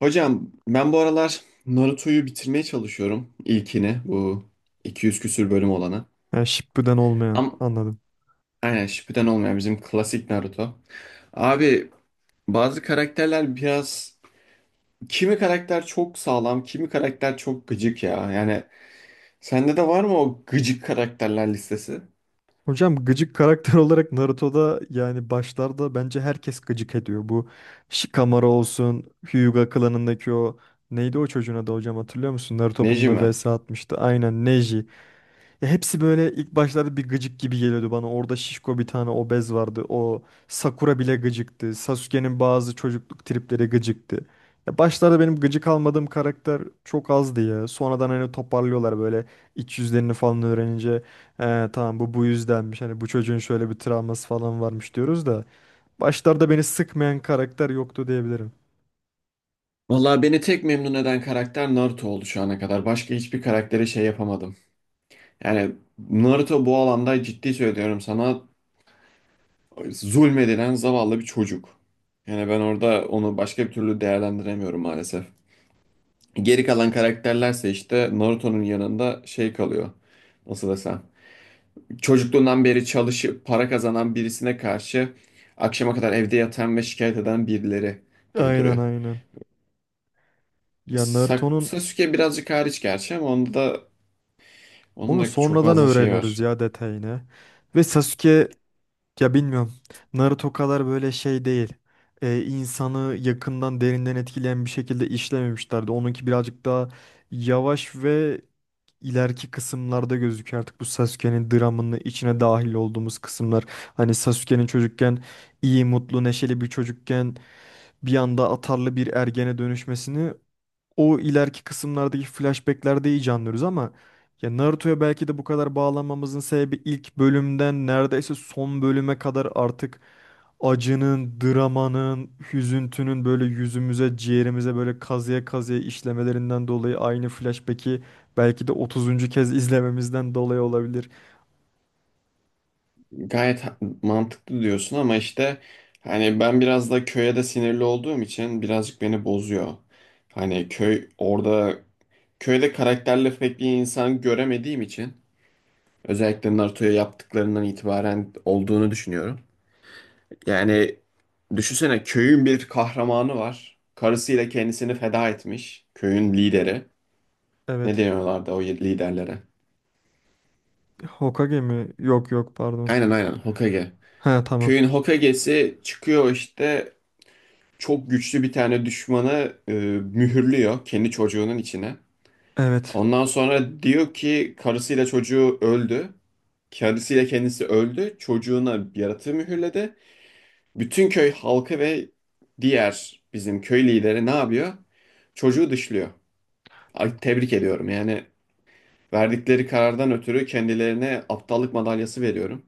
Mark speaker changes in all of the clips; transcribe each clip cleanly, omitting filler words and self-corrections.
Speaker 1: Hocam ben bu aralar Naruto'yu bitirmeye çalışıyorum. İlkini, bu 200 küsür bölüm olanı.
Speaker 2: Yani Shippuden olmayan
Speaker 1: Ama
Speaker 2: anladım.
Speaker 1: aynen, Shippuden olmayan bizim klasik Naruto. Abi bazı karakterler biraz, kimi karakter çok sağlam, kimi karakter çok gıcık ya. Yani sende de var mı o gıcık karakterler listesi?
Speaker 2: Hocam gıcık karakter olarak Naruto'da yani başlarda bence herkes gıcık ediyor. Bu Shikamaru olsun, Hyuga klanındaki o neydi o çocuğun adı hocam hatırlıyor musun? Naruto bununla
Speaker 1: Nejime.
Speaker 2: vs atmıştı. Aynen Neji. Ya hepsi böyle ilk başlarda bir gıcık gibi geliyordu bana. Orada şişko bir tane obez vardı. O Sakura bile gıcıktı. Sasuke'nin bazı çocukluk tripleri gıcıktı. Ya başlarda benim gıcık almadığım karakter çok azdı ya. Sonradan hani toparlıyorlar böyle iç yüzlerini falan öğrenince. "He, tamam bu yüzdenmiş. Hani bu çocuğun şöyle bir travması falan varmış diyoruz da. Başlarda beni sıkmayan karakter yoktu diyebilirim.
Speaker 1: Vallahi beni tek memnun eden karakter Naruto oldu şu ana kadar. Başka hiçbir karaktere şey yapamadım. Yani Naruto bu alanda, ciddi söylüyorum sana, zulmedilen zavallı bir çocuk. Yani ben orada onu başka bir türlü değerlendiremiyorum maalesef. Geri kalan karakterlerse işte Naruto'nun yanında şey kalıyor. Nasıl desem. Çocukluğundan beri çalışıp para kazanan birisine karşı akşama kadar evde yatan ve şikayet eden birileri gibi
Speaker 2: Aynen
Speaker 1: duruyor.
Speaker 2: aynen. Ya Naruto'nun
Speaker 1: Sasuke birazcık hariç gerçi, ama onda da, onun
Speaker 2: onu
Speaker 1: da çok
Speaker 2: sonradan
Speaker 1: fazla şey
Speaker 2: öğreniyoruz
Speaker 1: var.
Speaker 2: ya detayını. Ve Sasuke ya bilmiyorum. Naruto kadar böyle şey değil. İnsanı yakından derinden etkileyen bir şekilde işlememişlerdi. Onunki birazcık daha yavaş ve ileriki kısımlarda gözüküyor artık bu Sasuke'nin dramının içine dahil olduğumuz kısımlar. Hani Sasuke'nin çocukken iyi, mutlu, neşeli bir çocukken bir anda atarlı bir ergene dönüşmesini o ileriki kısımlardaki flashbacklerde iyice anlıyoruz ama ya Naruto'ya belki de bu kadar bağlanmamızın sebebi ilk bölümden neredeyse son bölüme kadar artık acının, dramanın, hüzüntünün böyle yüzümüze, ciğerimize böyle kazıya kazıya işlemelerinden dolayı aynı flashback'i belki de 30'uncu kez izlememizden dolayı olabilir.
Speaker 1: Gayet mantıklı diyorsun, ama işte hani ben biraz da köye de sinirli olduğum için birazcık beni bozuyor. Hani köy orada, köyde karakterli pek bir insan göremediğim için, özellikle Naruto'ya yaptıklarından itibaren olduğunu düşünüyorum. Yani düşünsene, köyün bir kahramanı var. Karısıyla kendisini feda etmiş. Köyün lideri. Ne
Speaker 2: Evet.
Speaker 1: deniyorlardı o liderlere?
Speaker 2: Hokage mi? Yok yok, pardon.
Speaker 1: Aynen aynen, Hokage.
Speaker 2: He, tamam.
Speaker 1: Köyün Hokage'si çıkıyor işte, çok güçlü bir tane düşmanı mühürlüyor kendi çocuğunun içine.
Speaker 2: Evet.
Speaker 1: Ondan sonra diyor ki, karısıyla çocuğu öldü. Karısıyla kendisi öldü. Çocuğuna bir yaratığı mühürledi. Bütün köy halkı ve diğer bizim köy lideri ne yapıyor? Çocuğu dışlıyor. Ay, tebrik ediyorum. Yani verdikleri karardan ötürü kendilerine aptallık madalyası veriyorum.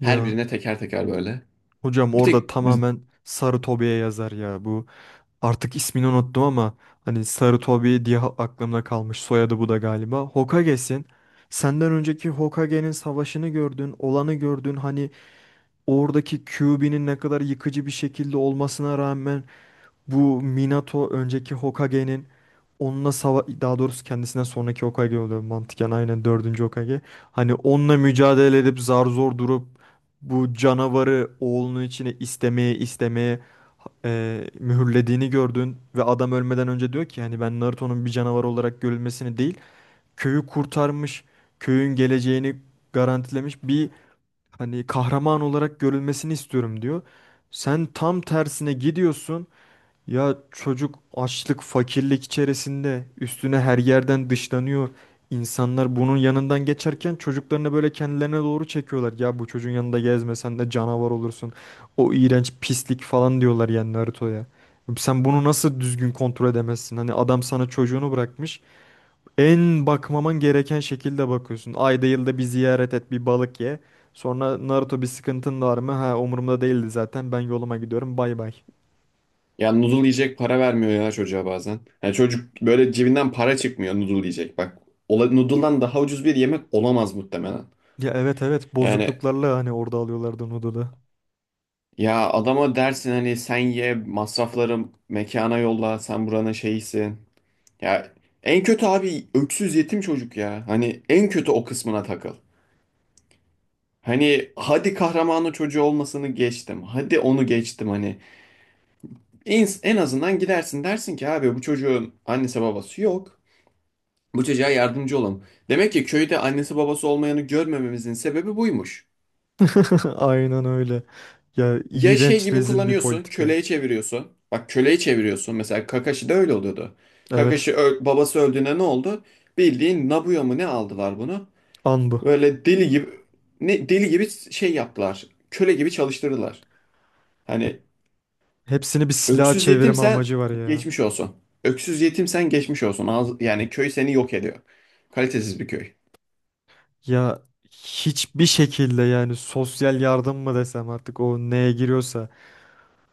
Speaker 1: Her
Speaker 2: Ya
Speaker 1: birine teker teker, böyle.
Speaker 2: hocam
Speaker 1: Bir
Speaker 2: orada
Speaker 1: tek.
Speaker 2: tamamen Sarı Tobi'ye yazar ya bu. Artık ismini unuttum ama hani Sarutobi diye aklımda kalmış. Soyadı bu da galiba. Hokage'sin. Senden önceki Hokage'nin savaşını gördün, olanı gördün. Hani oradaki Kyuubi'nin ne kadar yıkıcı bir şekilde olmasına rağmen bu Minato önceki Hokage'nin onunla daha doğrusu kendisinden sonraki Hokage oluyor mantıken aynen dördüncü Hokage. Hani onunla mücadele edip zar zor durup bu canavarı oğlunun içine istemeye istemeye mühürlediğini gördün ve adam ölmeden önce diyor ki hani ben Naruto'nun bir canavar olarak görülmesini değil köyü kurtarmış, köyün geleceğini garantilemiş bir hani kahraman olarak görülmesini istiyorum diyor. Sen tam tersine gidiyorsun, ya çocuk açlık, fakirlik içerisinde üstüne her yerden dışlanıyor. İnsanlar bunun yanından geçerken çocuklarını böyle kendilerine doğru çekiyorlar. Ya bu çocuğun yanında gezmesen de canavar olursun. O iğrenç pislik falan diyorlar yani Naruto'ya. Sen bunu nasıl düzgün kontrol edemezsin? Hani adam sana çocuğunu bırakmış. En bakmaman gereken şekilde bakıyorsun. Ayda yılda bir ziyaret et, bir balık ye. Sonra Naruto, bir sıkıntın var mı? Ha, umurumda değildi zaten. Ben yoluma gidiyorum. Bay bay.
Speaker 1: Ya noodle yiyecek para vermiyor ya çocuğa bazen. Yani çocuk böyle, cebinden para çıkmıyor noodle yiyecek. Bak noodle'dan daha ucuz bir yemek olamaz muhtemelen.
Speaker 2: Ya evet evet,
Speaker 1: Yani,
Speaker 2: bozukluklarla hani orada alıyorlardı Noodle'ı.
Speaker 1: ya adama dersin hani, sen ye masrafları mekana yolla, sen buranın şeyisin. Ya en kötü abi öksüz yetim çocuk ya. Hani en kötü o kısmına takıl. Hani hadi kahramanı çocuğu olmasını geçtim. Hadi onu geçtim hani. En azından gidersin, dersin ki abi bu çocuğun annesi babası yok. Bu çocuğa yardımcı olalım. Demek ki köyde annesi babası olmayanı görmememizin sebebi buymuş.
Speaker 2: Aynen öyle. Ya
Speaker 1: Ya şey
Speaker 2: iğrenç,
Speaker 1: gibi
Speaker 2: rezil bir
Speaker 1: kullanıyorsun,
Speaker 2: politika.
Speaker 1: köleye çeviriyorsun. Bak, köleye çeviriyorsun. Mesela Kakashi de öyle oluyordu.
Speaker 2: Evet,
Speaker 1: Kakashi babası öldüğünde ne oldu? Bildiğin Nabuya mı ne aldılar bunu?
Speaker 2: an bu.
Speaker 1: Böyle deli gibi, ne deli gibi şey yaptılar. Köle gibi çalıştırdılar. Hani
Speaker 2: Hepsini bir silah
Speaker 1: öksüz
Speaker 2: çevirme
Speaker 1: yetimsen
Speaker 2: amacı var ya.
Speaker 1: geçmiş olsun. Öksüz yetimsen geçmiş olsun. Yani köy seni yok ediyor. Kalitesiz bir köy.
Speaker 2: Ya hiçbir şekilde yani sosyal yardım mı desem artık o neye giriyorsa.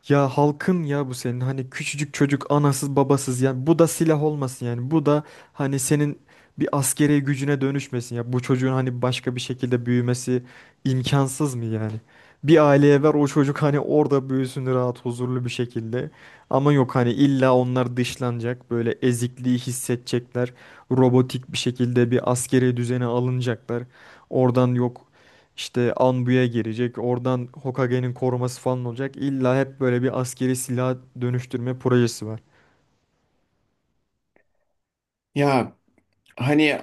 Speaker 2: Ya halkın ya bu senin hani küçücük çocuk anasız babasız yani bu da silah olmasın, yani bu da hani senin bir askeri gücüne dönüşmesin, ya bu çocuğun hani başka bir şekilde büyümesi imkansız mı yani? Bir aileye ver o çocuk hani orada büyüsün rahat huzurlu bir şekilde, ama yok hani illa onlar dışlanacak böyle, ezikliği hissedecekler, robotik bir şekilde bir askeri düzene alınacaklar, oradan yok işte Anbu'ya girecek. Oradan Hokage'nin koruması falan olacak. İlla hep böyle bir askeri silah dönüştürme projesi var.
Speaker 1: Ya hani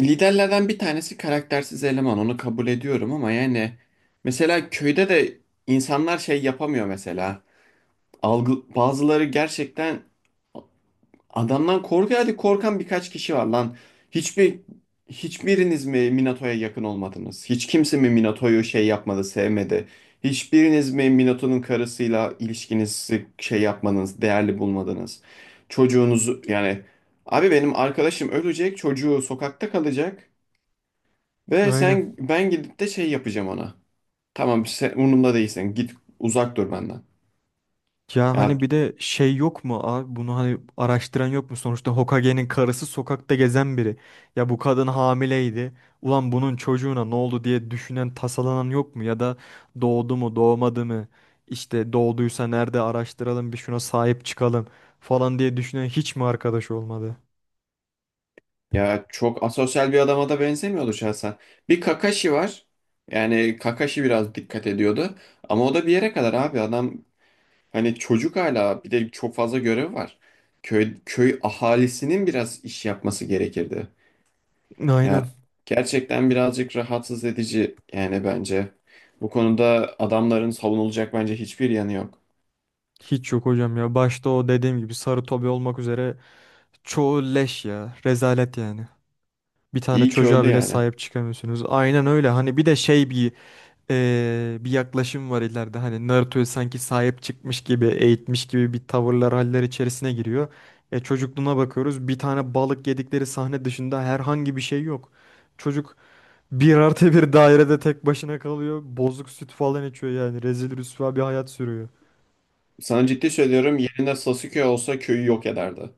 Speaker 1: liderlerden bir tanesi karaktersiz eleman, onu kabul ediyorum, ama yani mesela köyde de insanlar şey yapamıyor mesela. Algı, bazıları gerçekten adamdan korkuyor. Hadi korkan birkaç kişi var lan. Hiçbir hiçbiriniz mi Minato'ya yakın olmadınız? Hiç kimse mi Minato'yu şey yapmadı, sevmedi? Hiçbiriniz mi Minato'nun karısıyla ilişkinizi şey yapmadınız, değerli bulmadınız? Çocuğunuzu yani, abi benim arkadaşım ölecek, çocuğu sokakta kalacak. Ve
Speaker 2: Aynen.
Speaker 1: sen, ben gidip de şey yapacağım ona. Tamam sen umurumda değilsin. Git, uzak dur benden.
Speaker 2: Ya
Speaker 1: Ya
Speaker 2: hani bir de şey yok mu abi, bunu hani araştıran yok mu, sonuçta Hokage'nin karısı sokakta gezen biri. Ya bu kadın hamileydi. Ulan bunun çocuğuna ne oldu diye düşünen, tasalanan yok mu, ya da doğdu mu doğmadı mı? İşte doğduysa nerede, araştıralım bir, şuna sahip çıkalım falan diye düşünen hiç mi arkadaş olmadı?
Speaker 1: ya çok asosyal bir adama da benzemiyordu şahsen. Bir Kakashi var. Yani Kakashi biraz dikkat ediyordu. Ama o da bir yere kadar, abi adam, hani çocuk hala, bir de çok fazla görev var. Köy ahalisinin biraz iş yapması gerekirdi. Ya
Speaker 2: Aynen.
Speaker 1: gerçekten birazcık rahatsız edici yani bence. Bu konuda adamların savunulacak bence hiçbir yanı yok.
Speaker 2: Hiç yok hocam ya. Başta o dediğim gibi sarı tobi olmak üzere çoğu leş ya. Rezalet yani. Bir tane
Speaker 1: İyi ki
Speaker 2: çocuğa
Speaker 1: öldü
Speaker 2: bile
Speaker 1: yani.
Speaker 2: sahip çıkamıyorsunuz. Aynen öyle. Hani bir de şey bir bir yaklaşım var ileride. Hani Naruto'yu sanki sahip çıkmış gibi, eğitmiş gibi bir tavırlar, haller içerisine giriyor. E, çocukluğuna bakıyoruz. Bir tane balık yedikleri sahne dışında herhangi bir şey yok. Çocuk bir artı bir dairede tek başına kalıyor. Bozuk süt falan içiyor yani. Rezil rüsva bir hayat sürüyor.
Speaker 1: Sana ciddi söylüyorum, yerine Sasuke olsa köyü yok ederdi.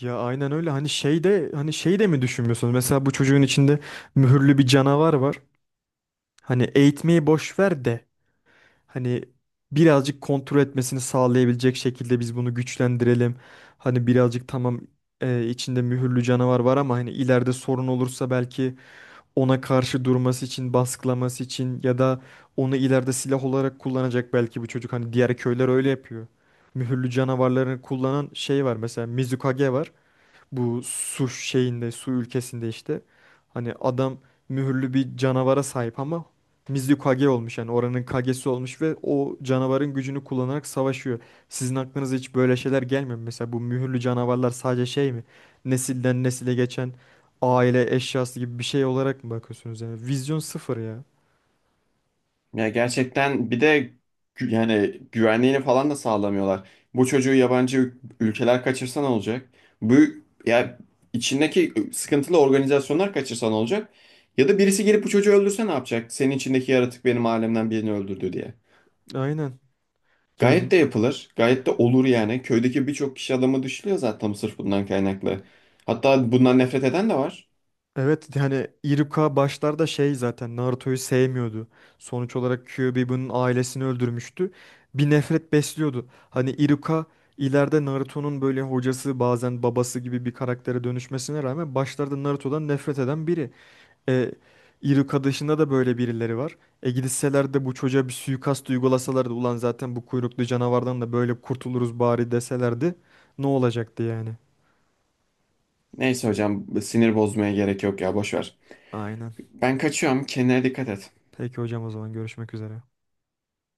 Speaker 2: Ya aynen öyle, hani şeyde hani şey de mi düşünmüyorsunuz? Mesela bu çocuğun içinde mühürlü bir canavar var. Hani eğitmeyi boş ver de hani birazcık kontrol etmesini sağlayabilecek şekilde biz bunu güçlendirelim. Hani birazcık tamam içinde mühürlü canavar var ama hani ileride sorun olursa belki ona karşı durması için, baskılaması için, ya da onu ileride silah olarak kullanacak belki bu çocuk. Hani diğer köyler öyle yapıyor. Mühürlü canavarlarını kullanan şey var, mesela Mizukage var. Bu su şeyinde, su ülkesinde işte. Hani adam mühürlü bir canavara sahip ama Mizu Kage olmuş yani oranın Kage'si olmuş ve o canavarın gücünü kullanarak savaşıyor. Sizin aklınıza hiç böyle şeyler gelmiyor mu? Mesela bu mühürlü canavarlar sadece şey mi? Nesilden nesile geçen aile eşyası gibi bir şey olarak mı bakıyorsunuz yani? Vizyon sıfır ya.
Speaker 1: Ya gerçekten bir de yani güvenliğini falan da sağlamıyorlar. Bu çocuğu yabancı ülkeler kaçırsa ne olacak? Bu, ya içindeki sıkıntılı organizasyonlar kaçırsa ne olacak? Ya da birisi gelip bu çocuğu öldürse ne yapacak? Senin içindeki yaratık benim alemden birini öldürdü diye.
Speaker 2: Aynen. Ya
Speaker 1: Gayet de yapılır. Gayet de olur yani. Köydeki birçok kişi adamı dışlıyor zaten sırf bundan kaynaklı. Hatta bundan nefret eden de var.
Speaker 2: evet yani Iruka başlarda şey, zaten Naruto'yu sevmiyordu. Sonuç olarak Kyuubi'nin ailesini öldürmüştü. Bir nefret besliyordu. Hani Iruka ileride Naruto'nun böyle hocası, bazen babası gibi bir karaktere dönüşmesine rağmen başlarda Naruto'dan nefret eden biri. E, Iruka dışında da böyle birileri var. E gitseler de bu çocuğa bir suikast uygulasalardı, ulan zaten bu kuyruklu canavardan da böyle kurtuluruz bari deselerdi ne olacaktı yani?
Speaker 1: Neyse hocam, sinir bozmaya gerek yok ya, boş ver.
Speaker 2: Aynen.
Speaker 1: Ben kaçıyorum. Kendine dikkat et.
Speaker 2: Peki hocam, o zaman görüşmek üzere.